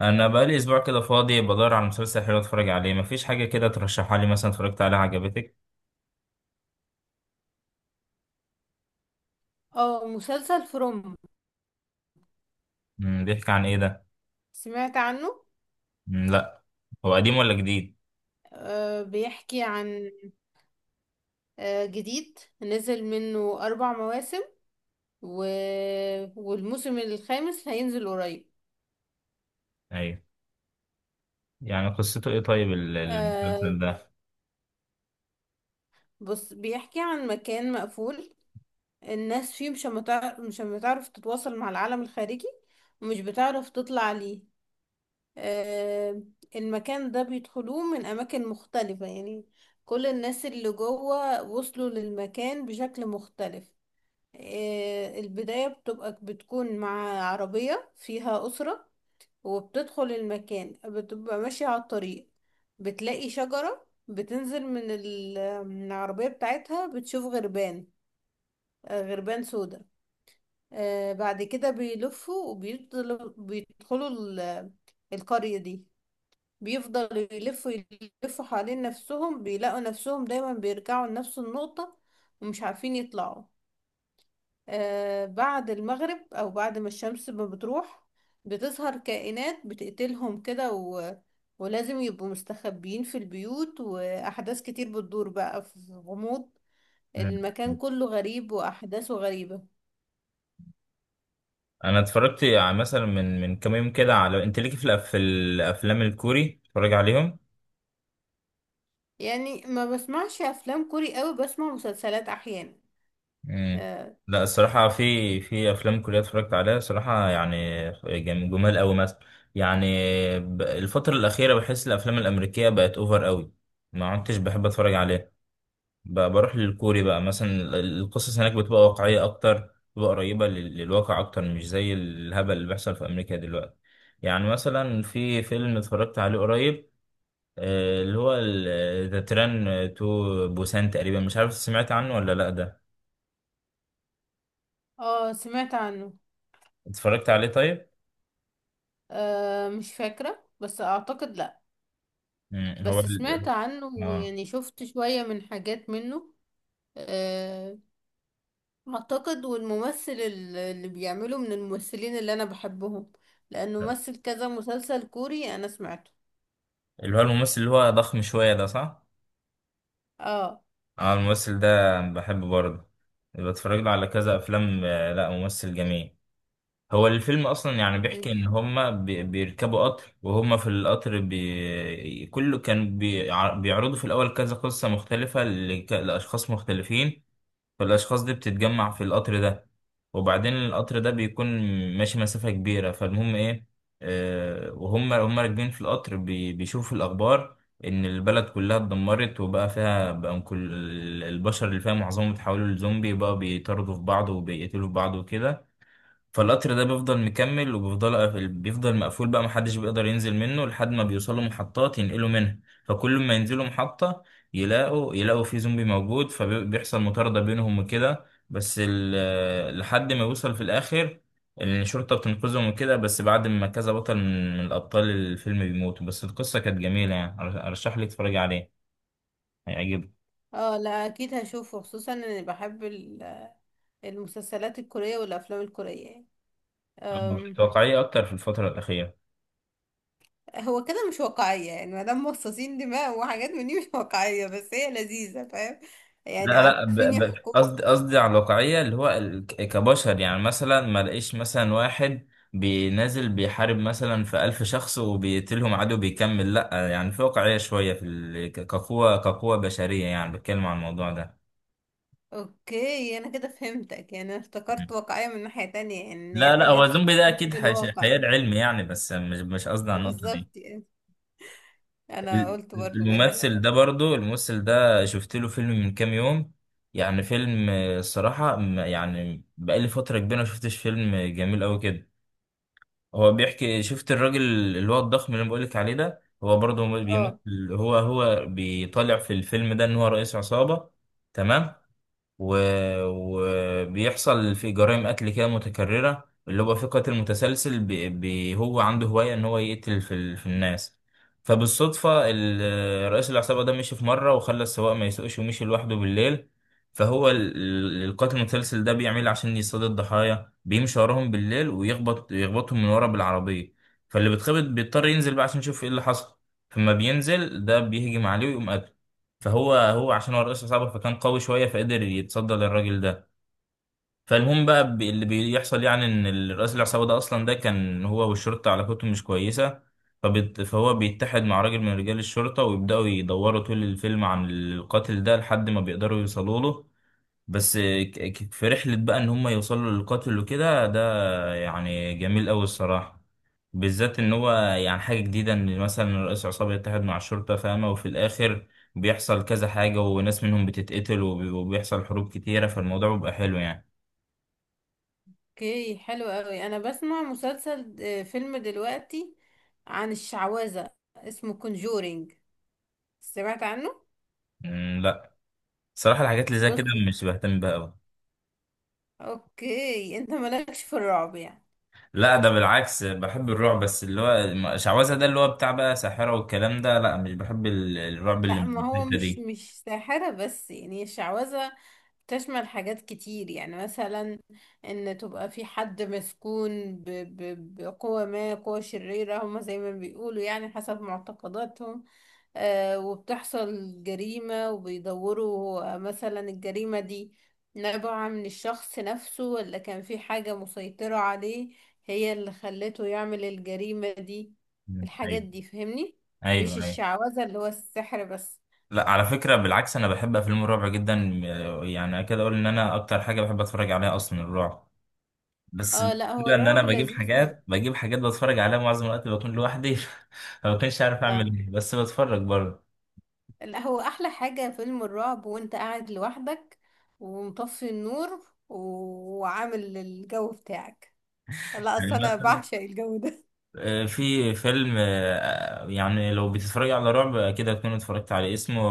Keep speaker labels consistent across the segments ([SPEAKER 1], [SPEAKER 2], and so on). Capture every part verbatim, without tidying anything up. [SPEAKER 1] انا بقالي اسبوع كده فاضي بدور على مسلسل حلو اتفرج عليه. مفيش حاجه كده ترشحها لي، مثلا اتفرجت عليها عجبتك؟
[SPEAKER 2] اه، مسلسل فروم
[SPEAKER 1] مم، بيحكي عن ايه ده؟
[SPEAKER 2] سمعت عنه.
[SPEAKER 1] مم، لا. هو قديم ولا جديد؟
[SPEAKER 2] آه بيحكي عن، آه جديد، نزل منه أربع مواسم و... والموسم الخامس هينزل قريب.
[SPEAKER 1] ايوه. يعني قصته ايه طيب ال-
[SPEAKER 2] آه،
[SPEAKER 1] المسلسل ده؟
[SPEAKER 2] بص، بيحكي عن مكان مقفول، الناس فيه مش متع... مش بتعرف تتواصل مع العالم الخارجي ومش بتعرف تطلع ليه. آه، المكان ده بيدخلوه من أماكن مختلفة، يعني كل الناس اللي جوه وصلوا للمكان بشكل مختلف. آه، البداية بتبقى بتكون مع عربية فيها أسرة، وبتدخل المكان بتبقى ماشية على الطريق، بتلاقي شجرة، بتنزل من ال- من العربية بتاعتها، بتشوف غربان. آه، غربان سودا. آه، بعد كده بيلفوا وبيدخلوا بيدخلوا ال- القرية دي. بيفضلوا يلفوا، يلفوا حوالين نفسهم، بيلاقوا نفسهم دايما بيرجعوا لنفس النقطة ومش عارفين يطلعوا. آه، بعد المغرب او بعد ما الشمس ما بتروح، بتظهر كائنات بتقتلهم كده، و... ولازم يبقوا مستخبيين في البيوت، واحداث كتير بتدور بقى في غموض.
[SPEAKER 1] مم.
[SPEAKER 2] المكان كله غريب واحداثه غريبة.
[SPEAKER 1] انا اتفرجت ع- مثلا من من كام يوم كده، على انت ليكي في الأف- في الافلام الكوري اتفرج عليهم.
[SPEAKER 2] يعني ما بسمعش افلام كوري قوي، بسمع مسلسلات احيانا.
[SPEAKER 1] مم.
[SPEAKER 2] اه.
[SPEAKER 1] لا الصراحة، في في أفلام كورية اتفرجت عليها صراحة يعني. جم- جمال أوي مثلا. يعني ب- الفترة الأخيرة بحس الأفلام الأمريكية بقت أوفر أوي، ما عدتش بحب أتفرج عليها. ب- بروح للكوري بقى، مثلا ال- ال- القصص هناك بتبقى واقعية أكتر، بتبقى قريبة لل- للواقع أكتر، مش زي الهبل اللي بيحصل في أمريكا دلوقتي. يعني مثلا في فيلم اتفرجت عليه قريب، آه، اللي هو ذا تران تو بوسان تقريبا، مش عارف سمعت عنه ولا لأ ده.
[SPEAKER 2] آه، سمعت عنه.
[SPEAKER 1] اتفرجت عليه طيب؟
[SPEAKER 2] آه، مش فاكرة، بس اعتقد لا.
[SPEAKER 1] مم. هو
[SPEAKER 2] بس سمعت
[SPEAKER 1] ال...
[SPEAKER 2] عنه،
[SPEAKER 1] اه،
[SPEAKER 2] ويعني شفت شوية من حاجات منه. آه، اعتقد، والممثل ال- اللي بيعمله من الممثلين اللي انا بحبهم، لانه مثل كذا مسلسل كوري انا سمعته.
[SPEAKER 1] اللي هو الممثل اللي هو ضخم شوية ده صح؟
[SPEAKER 2] اه.
[SPEAKER 1] اه، الممثل ده بحبه برضه، بتفرج له على كذا أفلام. آه، لا، ممثل جميل. هو الفيلم أصلا يعني بيحكي
[SPEAKER 2] دي-
[SPEAKER 1] إن هما بي- بيركبوا قطر، وهما في القطر بي... كله كان بي... ع- بيعرضوا في الأول كذا قصة مختلفة لك... لأشخاص مختلفين. فالأشخاص دي بتتجمع في القطر ده، وبعدين القطر ده بيكون ماشي مسافة كبيرة، فالمهم إيه، آه وهم هم راكبين في القطر بي بيشوفوا الأخبار إن البلد كلها اتدمرت، وبقى فيها بقى كل البشر اللي فيها معظمهم اتحولوا لزومبي بقى، بيطاردوا في بعض وبيقتلوا في بعض وكده. فالقطر ده بيفضل مكمل، وبيفضل بيفضل مقفول بقى، محدش بيقدر ينزل منه، لحد ما بيوصلوا محطات ينقلوا منها. فكل ما ينزلوا محطة يلاقوا يلاقوا في زومبي موجود، فبيحصل مطاردة بينهم وكده. بس ال- لحد ما يوصل في الآخر الشرطة بتنقذهم وكده، بس بعد ما كذا بطل من من الأبطال الفيلم بيموتوا، بس القصة كانت جميلة يعني. أرشح لك تتفرجي عليه، هيعجبك.
[SPEAKER 2] اه، لا، اكيد هشوفه، خصوصا اني بحب ال- المسلسلات الكورية والافلام الكورية يعني.
[SPEAKER 1] أه،
[SPEAKER 2] أم،
[SPEAKER 1] واقعية أكتر في الفترة الأخيرة.
[SPEAKER 2] هو كده مش واقعية، يعني مادام مصاصين دماء وحاجات من دي مش واقعية، بس هي لذيذة، فاهم؟ يعني
[SPEAKER 1] لا، لا،
[SPEAKER 2] عارفين
[SPEAKER 1] ب- ب-
[SPEAKER 2] يحكوا.
[SPEAKER 1] قصدي قصدي على الواقعية اللي هو ال- ك- كبشر، يعني مثلا ما لقيش مثلا واحد بينازل بيحارب مثلا في ألف شخص وبيقتلهم، عدو بيكمل، لا، يعني في واقعية شوية في ال- ك- كقوة كقوة بشرية يعني، بتكلم عن الموضوع ده.
[SPEAKER 2] اوكي، انا كده فهمتك، يعني انا
[SPEAKER 1] مم.
[SPEAKER 2] افتكرت واقعية من ناحية تانية، يعني إن هي
[SPEAKER 1] لا، لا، هو
[SPEAKER 2] حاجات
[SPEAKER 1] زومبي ده أكيد
[SPEAKER 2] من
[SPEAKER 1] حش-
[SPEAKER 2] الواقع
[SPEAKER 1] خيال
[SPEAKER 2] يعني.
[SPEAKER 1] علمي يعني، بس مش مش قصدي على النقطة دي.
[SPEAKER 2] بالظبط يعني. انا
[SPEAKER 1] ال-
[SPEAKER 2] قلت برضو غريبة
[SPEAKER 1] الممثل
[SPEAKER 2] اوي.
[SPEAKER 1] ده برضو الممثل ده شفت له فيلم من كام يوم، يعني فيلم، آه، الصراحة م- يعني بقالي فترة كبيرة ما شفتش فيلم جميل أوي كده. هو بيحكي، شفت الراجل اللي هو الضخم اللي انا بقولك عليه ده؟ هو برضه مم.
[SPEAKER 2] اه.
[SPEAKER 1] بيمثل، هو هو بيطالع في الفيلم ده ان هو رئيس عصابة، تمام. و... وبيحصل في جرائم قتل كده متكررة، اللي هو في قاتل متسلسل، ب... ب... هو عنده هواية إن هو يقتل في, ال... في الناس. فبالصدفة ال- رئيس العصابة ده مشي في مرة وخلى السواق ما يسوقش ومشي لوحده بالليل. فهو ال... ال- القاتل المتسلسل ده بيعمل عشان يصطاد الضحايا بيمشي وراهم بالليل ويخبط يخبطهم من ورا بالعربية، فاللي بيتخبط بيضطر ينزل بقى عشان يشوف ايه اللي حصل، فما بينزل ده بيهجم عليه ويقوم قتله. فهو هو عشان هو الرئيس عصابة فكان قوي شوية فقدر يتصدى للراجل ده. فالمهم بقى، ب- اللي بيحصل يعني ان الرئيس العصابة ده اصلا ده كان هو والشرطة علاقتهم مش كويسة. فبت... فهو بيتحد مع راجل من رجال الشرطة ويبدأوا يدوروا طول الفيلم عن القاتل ده لحد ما بيقدروا يوصلوا له، بس ك- ك- في رحلة بقى ان هم يوصلوا للقاتل وكده ده. يعني جميل أوي الصراحة، بالذات إن هو يعني حاجة جديدة إن مثلا رئيس عصابة يتحد مع الشرطة، فاهمة؟ وفي الآخر بيحصل كذا حاجة وناس منهم بتتقتل وبي- وبيحصل حروب كتيرة، فالموضوع بيبقى حلو يعني.
[SPEAKER 2] اوكي، حلو قوي. انا بسمع مسلسل، آه، فيلم دلوقتي عن الشعوذة، اسمه كونجورينج، سمعت عنه؟
[SPEAKER 1] مم، لا، صراحة الحاجات اللي زي كده
[SPEAKER 2] بصي،
[SPEAKER 1] مش بهتم بها أوي.
[SPEAKER 2] اوكي، انت مالكش في الرعب يعني؟
[SPEAKER 1] لا ده بالعكس بحب الرعب، بس اللي هو م- شعوذة ده اللي هو بتاع بقى ساحرة والكلام ده، لا مش بحب ال- الرعب اللي
[SPEAKER 2] لا،
[SPEAKER 1] من
[SPEAKER 2] ما هو
[SPEAKER 1] الحتة
[SPEAKER 2] مش
[SPEAKER 1] دي.
[SPEAKER 2] مش ساحرة بس، يعني الشعوذة تشمل حاجات كتير، يعني مثلا ان تبقى في حد مسكون ب- ب- بقوة ما، قوة شريرة، هما زي ما بيقولوا يعني حسب معتقداتهم. آه، وبتحصل جريمة وبيدوروا هو مثلا الجريمة دي نابعة من الشخص نفسه، ولا كان في حاجة مسيطرة عليه هي اللي خلته يعمل الجريمة دي.
[SPEAKER 1] مم،
[SPEAKER 2] الحاجات
[SPEAKER 1] أيوه،
[SPEAKER 2] دي فهمني،
[SPEAKER 1] أيوه،
[SPEAKER 2] مش
[SPEAKER 1] أيوه.
[SPEAKER 2] الشعوذة اللي هو السحر بس.
[SPEAKER 1] لا على فكرة بالعكس أنا بحب أفلام الرعب جدا، يعني أكاد أقول إن أنا أكتر حاجة بحب أتفرج عليها أصلا الرعب. بس
[SPEAKER 2] اه، لا، هو
[SPEAKER 1] المشكلة إن أنا
[SPEAKER 2] الرعب
[SPEAKER 1] بجيب
[SPEAKER 2] لذيذ.
[SPEAKER 1] حاجات بجيب حاجات بتفرج عليها معظم الوقت بكون لوحدي. ما بكونش عارف أعمل
[SPEAKER 2] اه،
[SPEAKER 1] إيه بس بتفرج برضه.
[SPEAKER 2] لا، هو احلى حاجة فيلم الرعب وانت قاعد لوحدك ومطفي النور و- وعامل الجو بتاعك. لا،
[SPEAKER 1] يعني
[SPEAKER 2] اصل انا
[SPEAKER 1] مثلا،
[SPEAKER 2] بعشق الجو ده.
[SPEAKER 1] آه، في فيلم، آه، يعني لو بتتفرج على رعب أكيد هتكون اتفرجت عليه، اسمه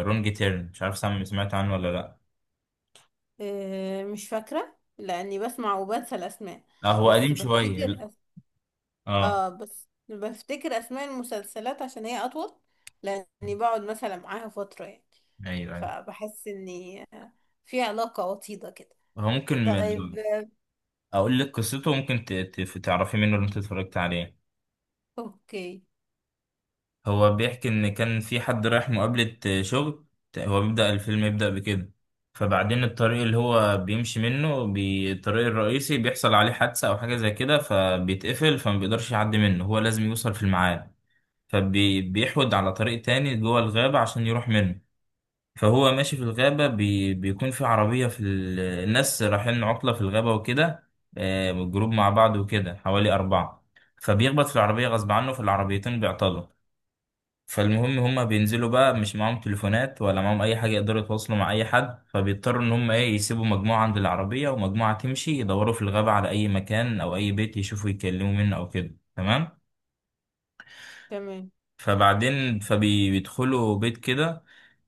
[SPEAKER 1] رونج تيرن، مش عارف سام- سمعت عنه ولا لأ.
[SPEAKER 2] آه، مش فاكرة لاني بسمع وبنسى الاسماء.
[SPEAKER 1] آه، هو
[SPEAKER 2] بس
[SPEAKER 1] قديم شوية.
[SPEAKER 2] بفتكر أس...
[SPEAKER 1] أه.
[SPEAKER 2] اه، بس بفتكر اسماء المسلسلات عشان هي اطول، لاني بقعد مثلا معاها فترة يعني،
[SPEAKER 1] أيوه، أيوه.
[SPEAKER 2] فبحس اني آه، في علاقة وطيدة كده.
[SPEAKER 1] هو ممكن
[SPEAKER 2] طيب. آه،
[SPEAKER 1] اقول لك قصته، ممكن ت- ت- تعرفي منه اللي انت اتفرجت عليه.
[SPEAKER 2] اوكي.
[SPEAKER 1] هو بيحكي ان كان في حد رايح مقابلة شغل، هو بيبدأ الفيلم يبدأ بكده، فبعدين الطريق اللي هو بيمشي منه بي- الطريق الرئيسي بيحصل عليه حادثة او حاجة زي كده فبيتقفل، فما بيقدرش يعدي منه، هو لازم يوصل في الميعاد. فبيحود على طريق تاني جوه الغابة عشان يروح منه. فهو ماشي في الغابة، بي بيكون في عربية في ال... الناس رايحين عطلة في الغابة وكده، آه، جروب مع بعض وكده حوالي أربعة، فبيخبط في العربية غصب عنه فالعربيتين بيعطلوا. فالمهم هما بينزلوا بقى، مش معاهم تليفونات ولا معاهم أي حاجة يقدروا يتواصلوا مع أي حد، فبيضطروا إن هما إيه يسيبوا مجموعة عند العربية ومجموعة تمشي يدوروا في الغابة على أي مكان أو أي بيت يشوفوا يتكلموا منه أو كده، تمام.
[SPEAKER 2] تمام.
[SPEAKER 1] فبعدين فبيدخلوا بيت كده،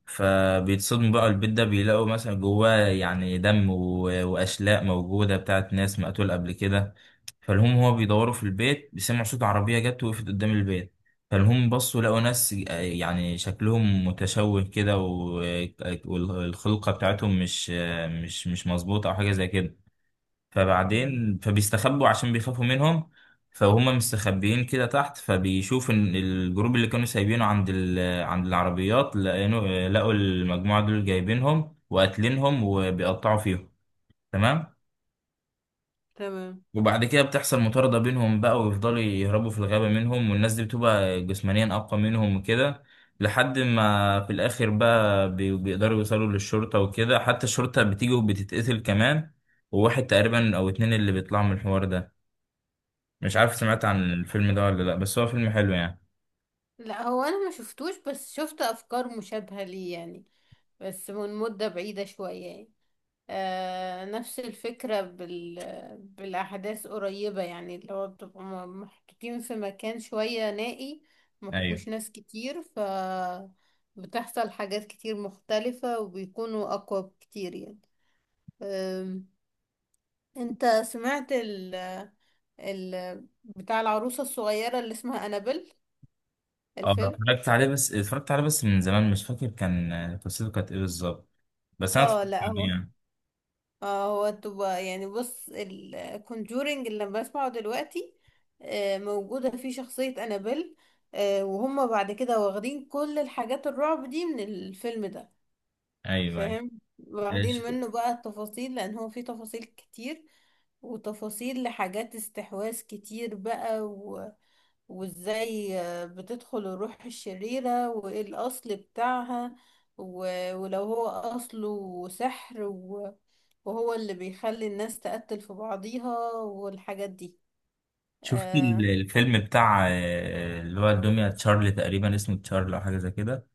[SPEAKER 1] فبيتصدموا بقى، البيت ده بيلاقوا مثلا جواه يعني دم، و- وأشلاء موجودة بتاعت ناس مقتول قبل كده. فالهم هو بيدوروا في البيت بيسمعوا صوت عربية جت وقفت قدام البيت، فالهم بصوا لقوا ناس يعني شكلهم متشوه كده و- والخلقة بتاعتهم مش مش مش مظبوطة أو حاجة زي كده،
[SPEAKER 2] مم،
[SPEAKER 1] فبعدين فبيستخبوا عشان بيخافوا منهم. فهم مستخبيين كده تحت، فبيشوف ان الجروب اللي كانوا سايبينه عند ال... عند العربيات، لقينو... لقوا المجموعة دول جايبينهم وقاتلينهم وبيقطعوا فيهم، تمام.
[SPEAKER 2] تمام.
[SPEAKER 1] وبعد كده بتحصل مطاردة بينهم بقى ويفضلوا يهربوا في الغابة منهم، والناس دي بتبقى جسمانيا أقوى منهم وكده، لحد ما في الآخر بقى بي- بيقدروا يوصلوا للشرطة وكده، حتى الشرطة بتيجي وبتتقتل كمان، وواحد تقريبا أو اتنين اللي بيطلعوا من الحوار ده. مش عارف سمعت عن الفيلم ده ولا لا، بس هو فيلم حلو يعني.
[SPEAKER 2] لا، هو انا ما شفتوش، بس شفت افكار مشابهة ليه يعني، بس من مدة بعيدة شوية يعني. آه، نفس الفكرة بال... بالاحداث قريبة، يعني اللي هو بتبقى م- محطوطين في مكان شوية نائي، ما
[SPEAKER 1] ايوه.
[SPEAKER 2] فيهوش ناس كتير، ف بتحصل حاجات كتير مختلفة وبيكونوا اقوى بكتير يعني. آم، انت سمعت ال... ال... بتاع العروسة الصغيرة اللي اسمها انابل،
[SPEAKER 1] اه،
[SPEAKER 2] الفيلم؟
[SPEAKER 1] اتفرجت عليه بس اتفرجت عليه بس من زمان مش فاكر كان قصته كانت ايه بالظبط، بس انا اتفرجت
[SPEAKER 2] اه. لا
[SPEAKER 1] عليه
[SPEAKER 2] هو
[SPEAKER 1] يعني.
[SPEAKER 2] اه هو تبقى يعني، بص، الكونجورينج اللي أنا بسمعه دلوقتي آه، موجودة فيه شخصية أنابيل، آه، وهم بعد كده واخدين كل الحاجات الرعب دي من الفيلم ده،
[SPEAKER 1] ايوه، ايوه.
[SPEAKER 2] فاهم؟
[SPEAKER 1] آه، ش-
[SPEAKER 2] واخدين منه بقى التفاصيل، لأن هو فيه تفاصيل كتير وتفاصيل لحاجات استحواذ كتير بقى، وازاي آه، بتدخل الروح الشريرة وايه الاصل بتاعها، و- ولو هو اصله سحر، و- وهو اللي بيخلي الناس تقتل في بعضيها والحاجات دي.
[SPEAKER 1] شفت ال-
[SPEAKER 2] آه.
[SPEAKER 1] الفيلم بتاع آه، اللي هو الدمية تشارلي تقريبا، اسمه تشارلي او حاجه زي كده،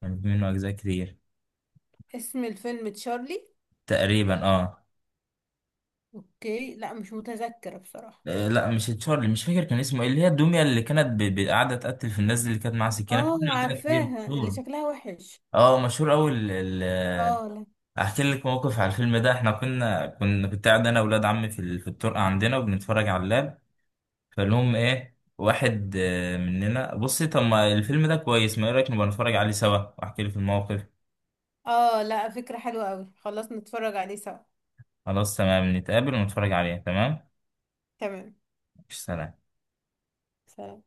[SPEAKER 1] كان في منه اجزاء كتير،
[SPEAKER 2] اسم الفيلم تشارلي؟
[SPEAKER 1] تقريبا، اه.
[SPEAKER 2] اوكي، لا، مش متذكرة بصراحة.
[SPEAKER 1] آه، لا مش تشارلي، مش فاكر كان اسمه ايه، اللي هي الدمية اللي كانت ب- ب- قاعده تقتل في الناس دي، اللي كانت معاها سكينه، في
[SPEAKER 2] اه،
[SPEAKER 1] منه اجزاء كتير
[SPEAKER 2] عارفاها اللي
[SPEAKER 1] مشهور.
[SPEAKER 2] شكلها وحش.
[SPEAKER 1] اه مشهور قوي.
[SPEAKER 2] اه. لا.
[SPEAKER 1] احكي لك موقف على الفيلم ده، احنا كنا كنا كنت قاعد انا واولاد عمي في ال- في الطرقه عندنا وبنتفرج على اللاب. فلهم ايه واحد آه، مننا بصي، طب ما الفيلم ده كويس، ما ايه رايك نبقى نتفرج عليه سوا، واحكي لك الموقف.
[SPEAKER 2] اه، لا، فكرة حلوة قوي، خلاص نتفرج عليه سوا.
[SPEAKER 1] خلاص تمام، نتقابل ونتفرج عليه، تمام.
[SPEAKER 2] تمام.
[SPEAKER 1] مش، سلام.
[SPEAKER 2] سلام.